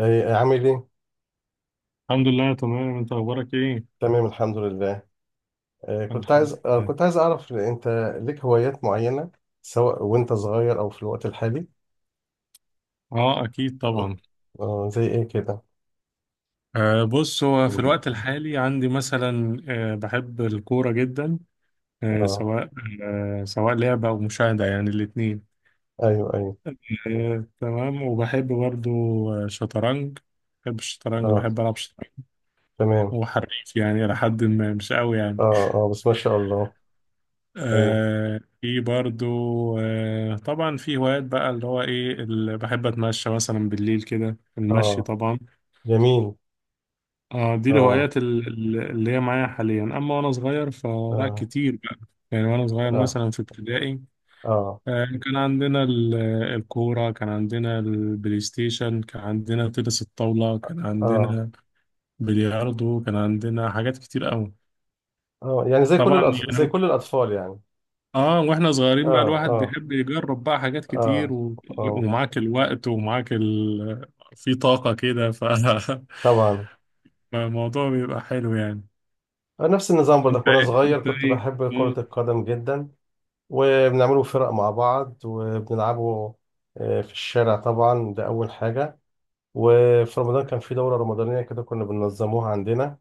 إيه، عامل ايه؟ الحمد لله تمام، انت اخبارك ايه؟ تمام الحمد لله. إيه، كنت الحمد عايز لله. اعرف انت ليك هوايات معينة، سواء وانت صغير او في الوقت الحالي. اه، اكيد طبعا. اه، زي ايه كده؟ بص، هو في الوقت الحالي عندي مثلا بحب الكوره جدا. اه. سواء سواء لعبه او مشاهده، يعني الاثنين. ايوه ايوه. تمام وبحب برضو شطرنج. بحب الشطرنج اه وبحب العب شطرنج، تمام. وحريف يعني لحد ما، مش قوي يعني. اه اه، بس ما شاء الله. ايوه. في برضو. طبعا في هوايات بقى اللي هو ايه، اللي بحب اتمشى مثلا بالليل كده، المشي اه طبعا. جميل. اه دي اه. الهوايات اللي هي معايا حاليا، اما وانا صغير فلا اه. كتير بقى. يعني وانا صغير اه. مثلا في ابتدائي، اه. كان عندنا الكورة، كان عندنا البلاي ستيشن، كان عندنا تنس الطاولة، كان اه. عندنا بلياردو، كان عندنا حاجات كتير قوي. اه، يعني طبعا زي يعني. كل الاطفال يعني. اه واحنا صغيرين بقى اه. الواحد اه. بيحب يجرب بقى حاجات كتير اه. اه ومعاك الوقت ومعاك في طاقة كده طبعا. فالموضوع بيبقى حلو يعني. نفس النظام برضك، وانا صغير انت كنت بحب ايه؟ كرة القدم جدا، وبنعمله فرق مع بعض وبنلعبه. آه، في الشارع طبعا، ده أول حاجة. وفي رمضان كان في دورة رمضانية كده كنا بننظموها عندنا.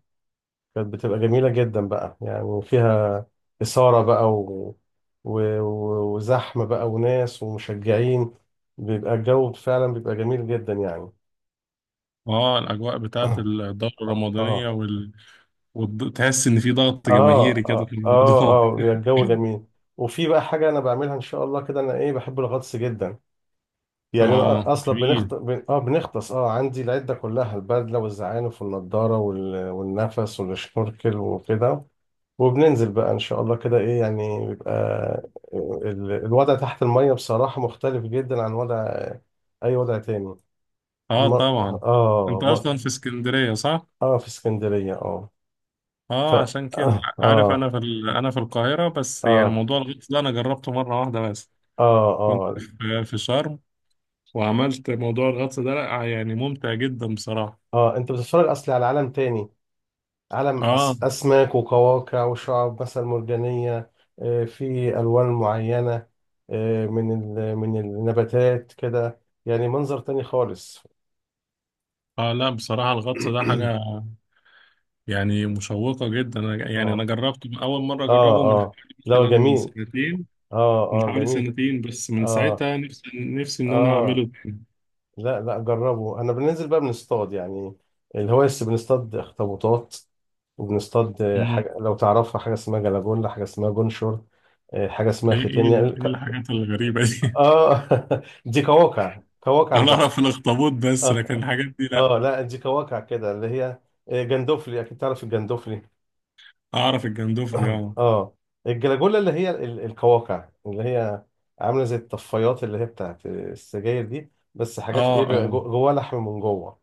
كانت بتبقى جميلة جدا بقى، يعني فيها إثارة بقى وزحمة بقى وناس ومشجعين. بيبقى الجو فعلا بيبقى جميل جدا يعني. اه الاجواء بتاعت الدوره الرمضانيه اه. وتحس ان في ضغط اه. جماهيري كده في اه. اه. الموضوع. اه، بيبقى الجو جميل. وفي بقى حاجة أنا بعملها إن شاء الله كده، أنا إيه بحب الغطس جدا. يعني اه، انا اصلا بنخت... جميل. بن... اه بنغطس. اه، عندي العده كلها، البدله والزعانف والنضاره وال... والنفس والشنوركل وكده. وبننزل بقى ان شاء الله كده، ايه يعني بيبقى ال... الوضع تحت الميه بصراحه مختلف جدا عن وضع اي وضع تاني. اه مر... طبعا. اه انت مر... اصلا في اسكندريه، صح؟ اه، في اسكندريه اه. ف اه، عشان كده اه عارف، اه انا انا في القاهره، بس يعني اه موضوع الغطس ده انا جربته مره واحده بس. اه كنت اه, في شرم، وعملت موضوع الغطس ده، لا يعني ممتع جدا بصراحه. آه. انت بتتفرج اصلي على عالم تاني، عالم اه أسماك وقواقع وشعاب مثلا مرجانية. آه، في ألوان معينة، آه، من ال- من النباتات كده، يعني منظر تاني خالص. اه. لا بصراحه الغطس ده حاجه يعني مشوقه جدا، يعني انا اه. جربته اول مره اه. اجربه من اه، حوالي لا مثلا جميل. سنتين. اه من اه حوالي جميل. سنتين، بس من اه ساعتها نفسي إن أنا اه. أعمله تاني. لا لا جربه. انا بننزل بقى بنصطاد يعني الهواية، بس بنصطاد اخطبوطات، وبنصطاد آه، مم. حاجة لو تعرفها. حاجة اسمها جلاجولا، حاجة اسمها جونشور، آه، حاجة اسمها ختان يعني. إيه الحاجات الغريبة دي؟ اه. دي كواكع، كواكع أنا البحر. أعرف الأخطبوط بس، لكن اه الحاجات دي اه. لأ. لا دي كواكع كده، اللي هي آه، جندوفلي. اكيد تعرف الجندوفلي. أعرف الجندوفلي، أه. اه. الجلاجولا، اللي هي ال- الكواكع اللي هي عامله زي الطفايات اللي هي بتاعت السجاير دي، بس حاجات ايه أه بقى أه. جواها لحم من جوه.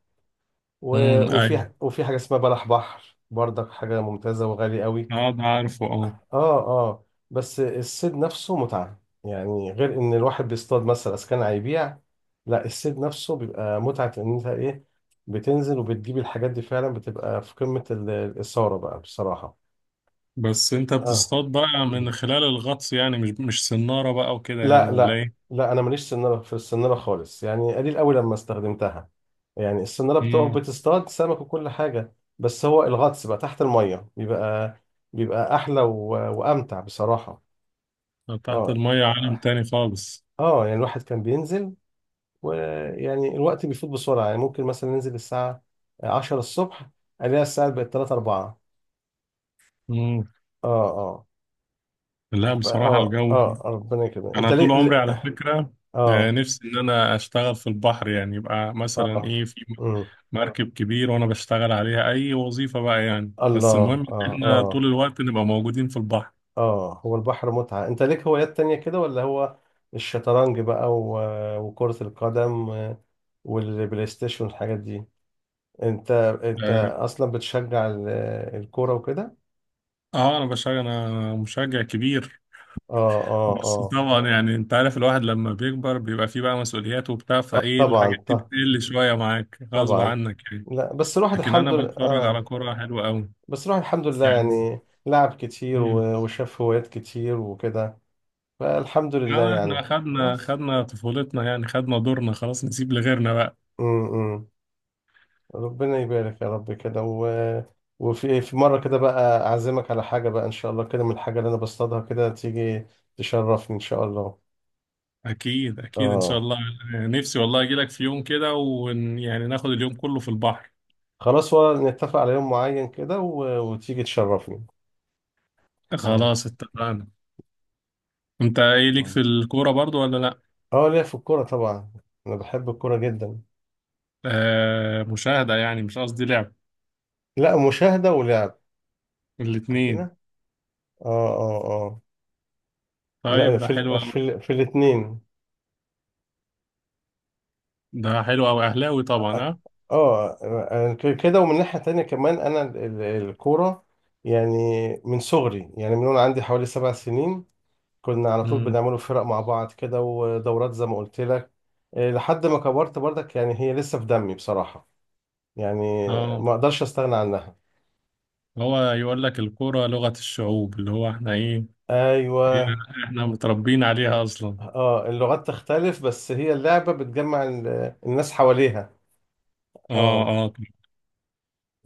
و- أمم، أيوه. وفي وفي حاجه اسمها بلح بحر برضك، حاجه ممتازه وغالي قوي. أه، ده عارفه، أه. اه اه، بس الصيد نفسه متعة يعني، غير ان الواحد بيصطاد مثلا اذا كان هيبيع. لا الصيد نفسه بيبقى متعة، ان انت ايه بتنزل وبتجيب الحاجات دي، فعلا بتبقى في قمة ال- الإثارة بقى بصراحة. بس أنت اه. بتصطاد بقى من خلال الغطس يعني، مش صنارة بقى وكده يعني، لا ولا لا. إيه؟ لا انا ماليش سنارة، في السنارة خالص يعني قليل قوي لما استخدمتها، يعني السنارة بتقف امم. بتصطاد سمك وكل حاجة. بس هو الغطس بقى تحت المية بيبقى، بيبقى احلى و... وامتع بصراحة. تحت اه المية عالم تاني خالص. اه. يعني الواحد كان بينزل، ويعني الوقت بيفوت بسرعة يعني، ممكن مثلا ننزل الساعة 10 الصبح، الاقيها الساعة بقت 3 4. امم. اه. اه. لا بصراحة الجو، ربنا يكرمك. أنا طول عمري على فكرة، اه. نفسي إن أنا أشتغل في البحر، يعني يبقى مثلا اه. إيه، في امم. مركب كبير وانا بشتغل عليها اي وظيفة بقى يعني، بس المهم الله. ان اه احنا اه. طول الوقت نبقى موجودين في البحر. اه هو البحر متعة. انت ليك هوايات تانية كده، ولا هو الشطرنج بقى و- وكرة القدم والبلاي ستيشن والحاجات دي؟ انت انت اه. اصلا بتشجع ال- الكورة وكده؟ انا بشجع، انا مشجع كبير. اه اه بس اه. طبعا يعني انت عارف، الواحد لما بيكبر بيبقى فيه بقى مسؤوليات وبتاع، اه فايه الحاجات طبعا. دي بتقل شوية معاك غصب طبعا. عنك يعني، لا بس الواحد لكن انا الحمد لله بتفرج على اه. كرة حلوة قوي بس الواحد الحمد لله يعني. يعني لعب كتير مم. و- وشاف هوايات كتير وكده. فالحمد لله اه احنا يعني خلاص. خدنا طفولتنا، يعني خدنا دورنا خلاص، نسيب لغيرنا بقى. امم. ربنا يبارك يا رب كده. و... وفي في مرة كده بقى أعزمك على حاجة بقى إن شاء الله كده، من الحاجة اللي أنا بصطادها كده. تيجي تشرفني إن شاء الله. اكيد اكيد ان شاء آه. الله. نفسي والله اجي لك في يوم كده، ويعني ناخد اليوم كله في البحر. خلاص، ولا نتفق على يوم معين كده و... وتيجي تشرفني. آه. خلاص اتفقنا. انت ايه ليك آه. في الكوره برضو ولا لا؟ آه، ليا في الكورة طبعا. أنا بحب الكورة جدا. مشاهده يعني، مش قصدي لعب. لا، مشاهدة ولعب الاتنين. عندنا. اه اه اه. طيب لا ده في حلو ال... قوي. في ال... في الاثنين. ده حلو قوي، اهلاوي طبعا ها. اه. آه، كده. ومن ناحية تانية كمان، انا الكورة يعني من صغري، يعني من وانا عندي حوالي 7 سنين كنا على طول امم. بنعملوا فرق مع بعض كده، ودورات زي ما قلت لك. آه، لحد ما كبرت برضك، يعني هي لسه في دمي بصراحة يعني، اه، ما اقدرش استغنى عنها. هو يقول لك الكوره لغه الشعوب، اللي هو احنا ايه، إيه، ايوه. احنا متربيين عليها اصلا. اه، اللغات تختلف، بس هي اللعبة بتجمع ال- الناس حواليها. اه اه. اه.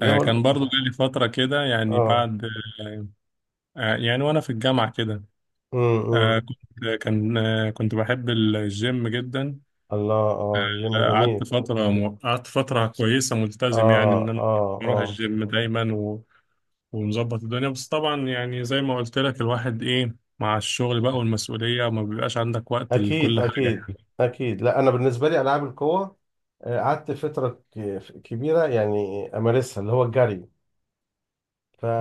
اللي هو كان برضو جالي فتره كده يعني اه. بعد، يعني وانا في الجامعه كده. امم. كنت بحب الجيم جدا. الله. اه جيم جميل. قعدت فترة كويسة، اه ملتزم يعني إن أنا اه بروح اه. الجيم دايما ومظبط الدنيا، بس طبعا يعني زي ما قلت لك، الواحد إيه مع الشغل بقى والمسؤولية، ما بيبقاش عندك وقت اكيد لكل حاجة اكيد. يعني. اكيد. لا انا بالنسبه لي العاب القوه. آه، قعدت فتره كبيره يعني امارسها، اللي هو الجري.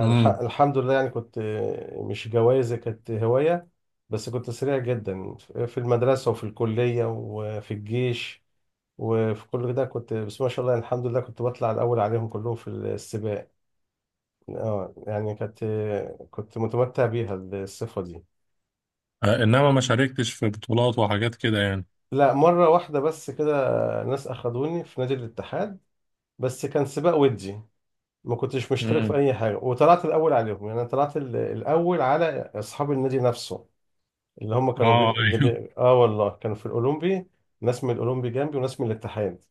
امم. لله يعني كنت، آه، مش جوايزي كانت هوايه. بس كنت سريع جدا في المدرسه وفي الكليه وفي الجيش وفي كل ده. كنت بس ما شاء الله يعني الحمد لله كنت بطلع الاول عليهم كلهم في السباق. اه يعني كانت، آه، كنت متمتع بيها الصفه دي. إنما ما شاركتش في بطولات وحاجات كده يعني. لا، مرة واحدة بس كده. ناس أخدوني في نادي الاتحاد. بس كان سباق ودي، ما كنتش مشترك في امم، أي حاجة، وطلعت الأول عليهم. يعني أنا طلعت ال- الأول على أصحاب النادي نفسه، اللي هم كانوا آه، بي... اللي بي... آه والله كانوا في الأولمبي. ناس من الأولمبي جنبي وناس من الاتحاد.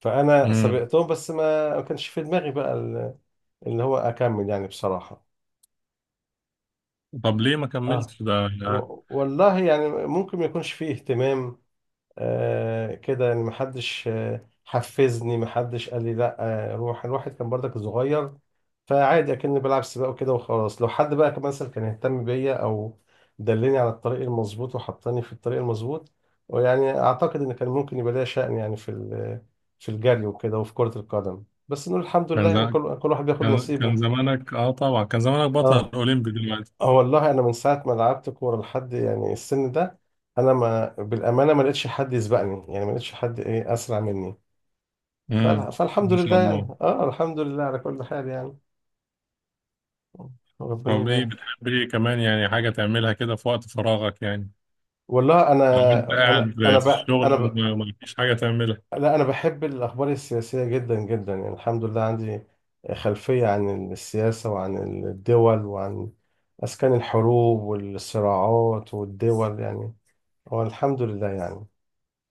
فأنا امم. سبقتهم، بس ما كانش في دماغي بقى ال- اللي هو أكمل يعني بصراحة. طب ليه ما آه. كملتش ده، ده و... والله يعني ممكن ما يكونش فيه اهتمام. آه كده يعني، محدش آه حفزني، محدش قال لي لا. آه، روح الواحد كان برضك صغير، فعادي اكني بلعب سباق وكده وخلاص. لو حد بقى كان مثلا كان يهتم بيا، او دلني على الطريق المظبوط وحطني في الطريق المظبوط، ويعني اعتقد ان كان ممكن يبقى ليا شأن يعني في ال- في الجري وكده وفي كرة القدم. بس نقول الحمد لله كان يعني، ز- كل واحد بياخد كان كان نصيبه. زمانك آه طبعا كان زمانك بطل اه أولمبي دلوقتي. اه. والله انا من ساعة ما لعبت كورة لحد يعني السن ده، انا ما بالامانه ما لقيتش حد يسبقني، يعني ما لقيتش حد ايه اسرع مني. امم، فالحمد ما لله شاء يعني. الله. اه، الحمد لله على كل حال يعني. ربنا طب، يبارك. بتحب ايه كمان، يعني حاجة تعملها كده في وقت فراغك يعني، والله انا او انت انا قاعد انا في ب... انا الشغل ب... وما ما فيش حاجة تعملها؟ لا انا بحب الاخبار السياسيه جدا جدا يعني. الحمد لله عندي خلفيه عن السياسه وعن الدول وعن اسكان الحروب والصراعات والدول يعني. هو الحمد لله يعني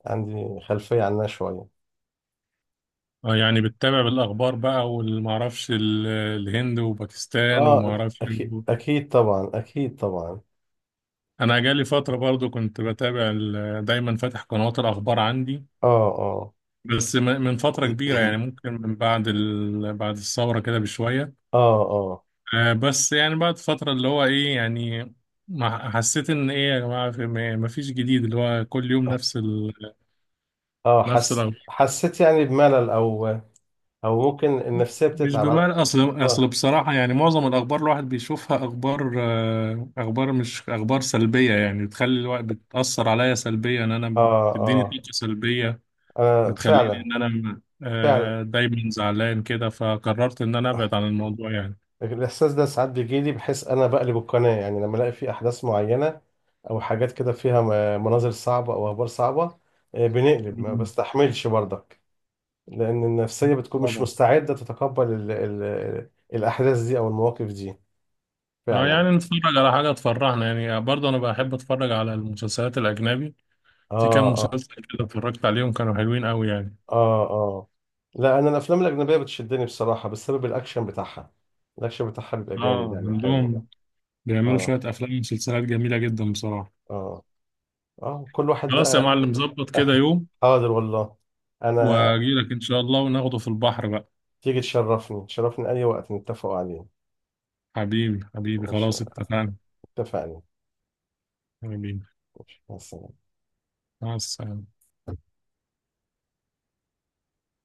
عندي خلفيه عنها شويه. اه يعني بتتابع الاخبار بقى، والمعرفش الهند وباكستان اه ومعرفش إيه. اكيد اكيد طبعا اكيد طبعا. انا جالي فترة برضو كنت بتابع دايما فاتح قنوات الاخبار عندي، اه اه. بس من فترة كبيرة، يعني ممكن من بعد بعد الثورة كده بشوية. اه بس يعني بعد فترة اللي هو ايه يعني، ما حسيت ان ايه يا جماعه، ما فيش جديد، اللي هو كل يوم اه. نفس حس الأخبار. حسيت يعني بملل، او او ممكن النفسيه مش بتتعب على... بمعنى أصل اه بصراحة، يعني معظم الأخبار الواحد بيشوفها، أخبار مش أخبار سلبية، يعني بتخلي الواحد بتأثر عليا سلبيا، إن أنا اه بتديني اه. طاقة سلبية، انا بتخليني فعلا. إن أنا فعلا دايما زعلان كده، فقررت إن أنا أبعد عن الموضوع يعني. الاحساس ده ساعات بيجيلي، بحس انا بقلب القناه يعني، لما الاقي في احداث معينه او حاجات كده فيها مناظر صعبه او اخبار صعبه. آه، بنقلب، ما مم. بستحملش برضك، لان النفسيه بتكون مش طبعا. مستعده تتقبل ال ال الاحداث دي او المواقف دي. اه فعلا. يعني نتفرج على حاجة تفرحنا، يعني برضه أنا بحب أتفرج على المسلسلات الأجنبي، في اه كام اه مسلسل كده اتفرجت عليهم كانوا حلوين أوي يعني. اه. اه، لا انا الافلام الاجنبيه بتشدني بصراحه بسبب الاكشن بتاعها. الاكشن بتاعها بيبقى جامد اه يعني حلو. عندهم بيعملوا اه شوية أفلام ومسلسلات جميلة جدا بصراحة. اه. اه كل واحد خلاص يا بقى. معلم، ظبط كده يوم حاضر والله. انا. وأجيلك إن شاء الله، وناخده في البحر بقى. تيجي تشرفني، تشرفني اي وقت نتفقوا عليه. حبيبي حبيبي ماشي خلاص اتفقنا. اتفقنا. حبيبي. ماشي مع السلامة. مع السلامة.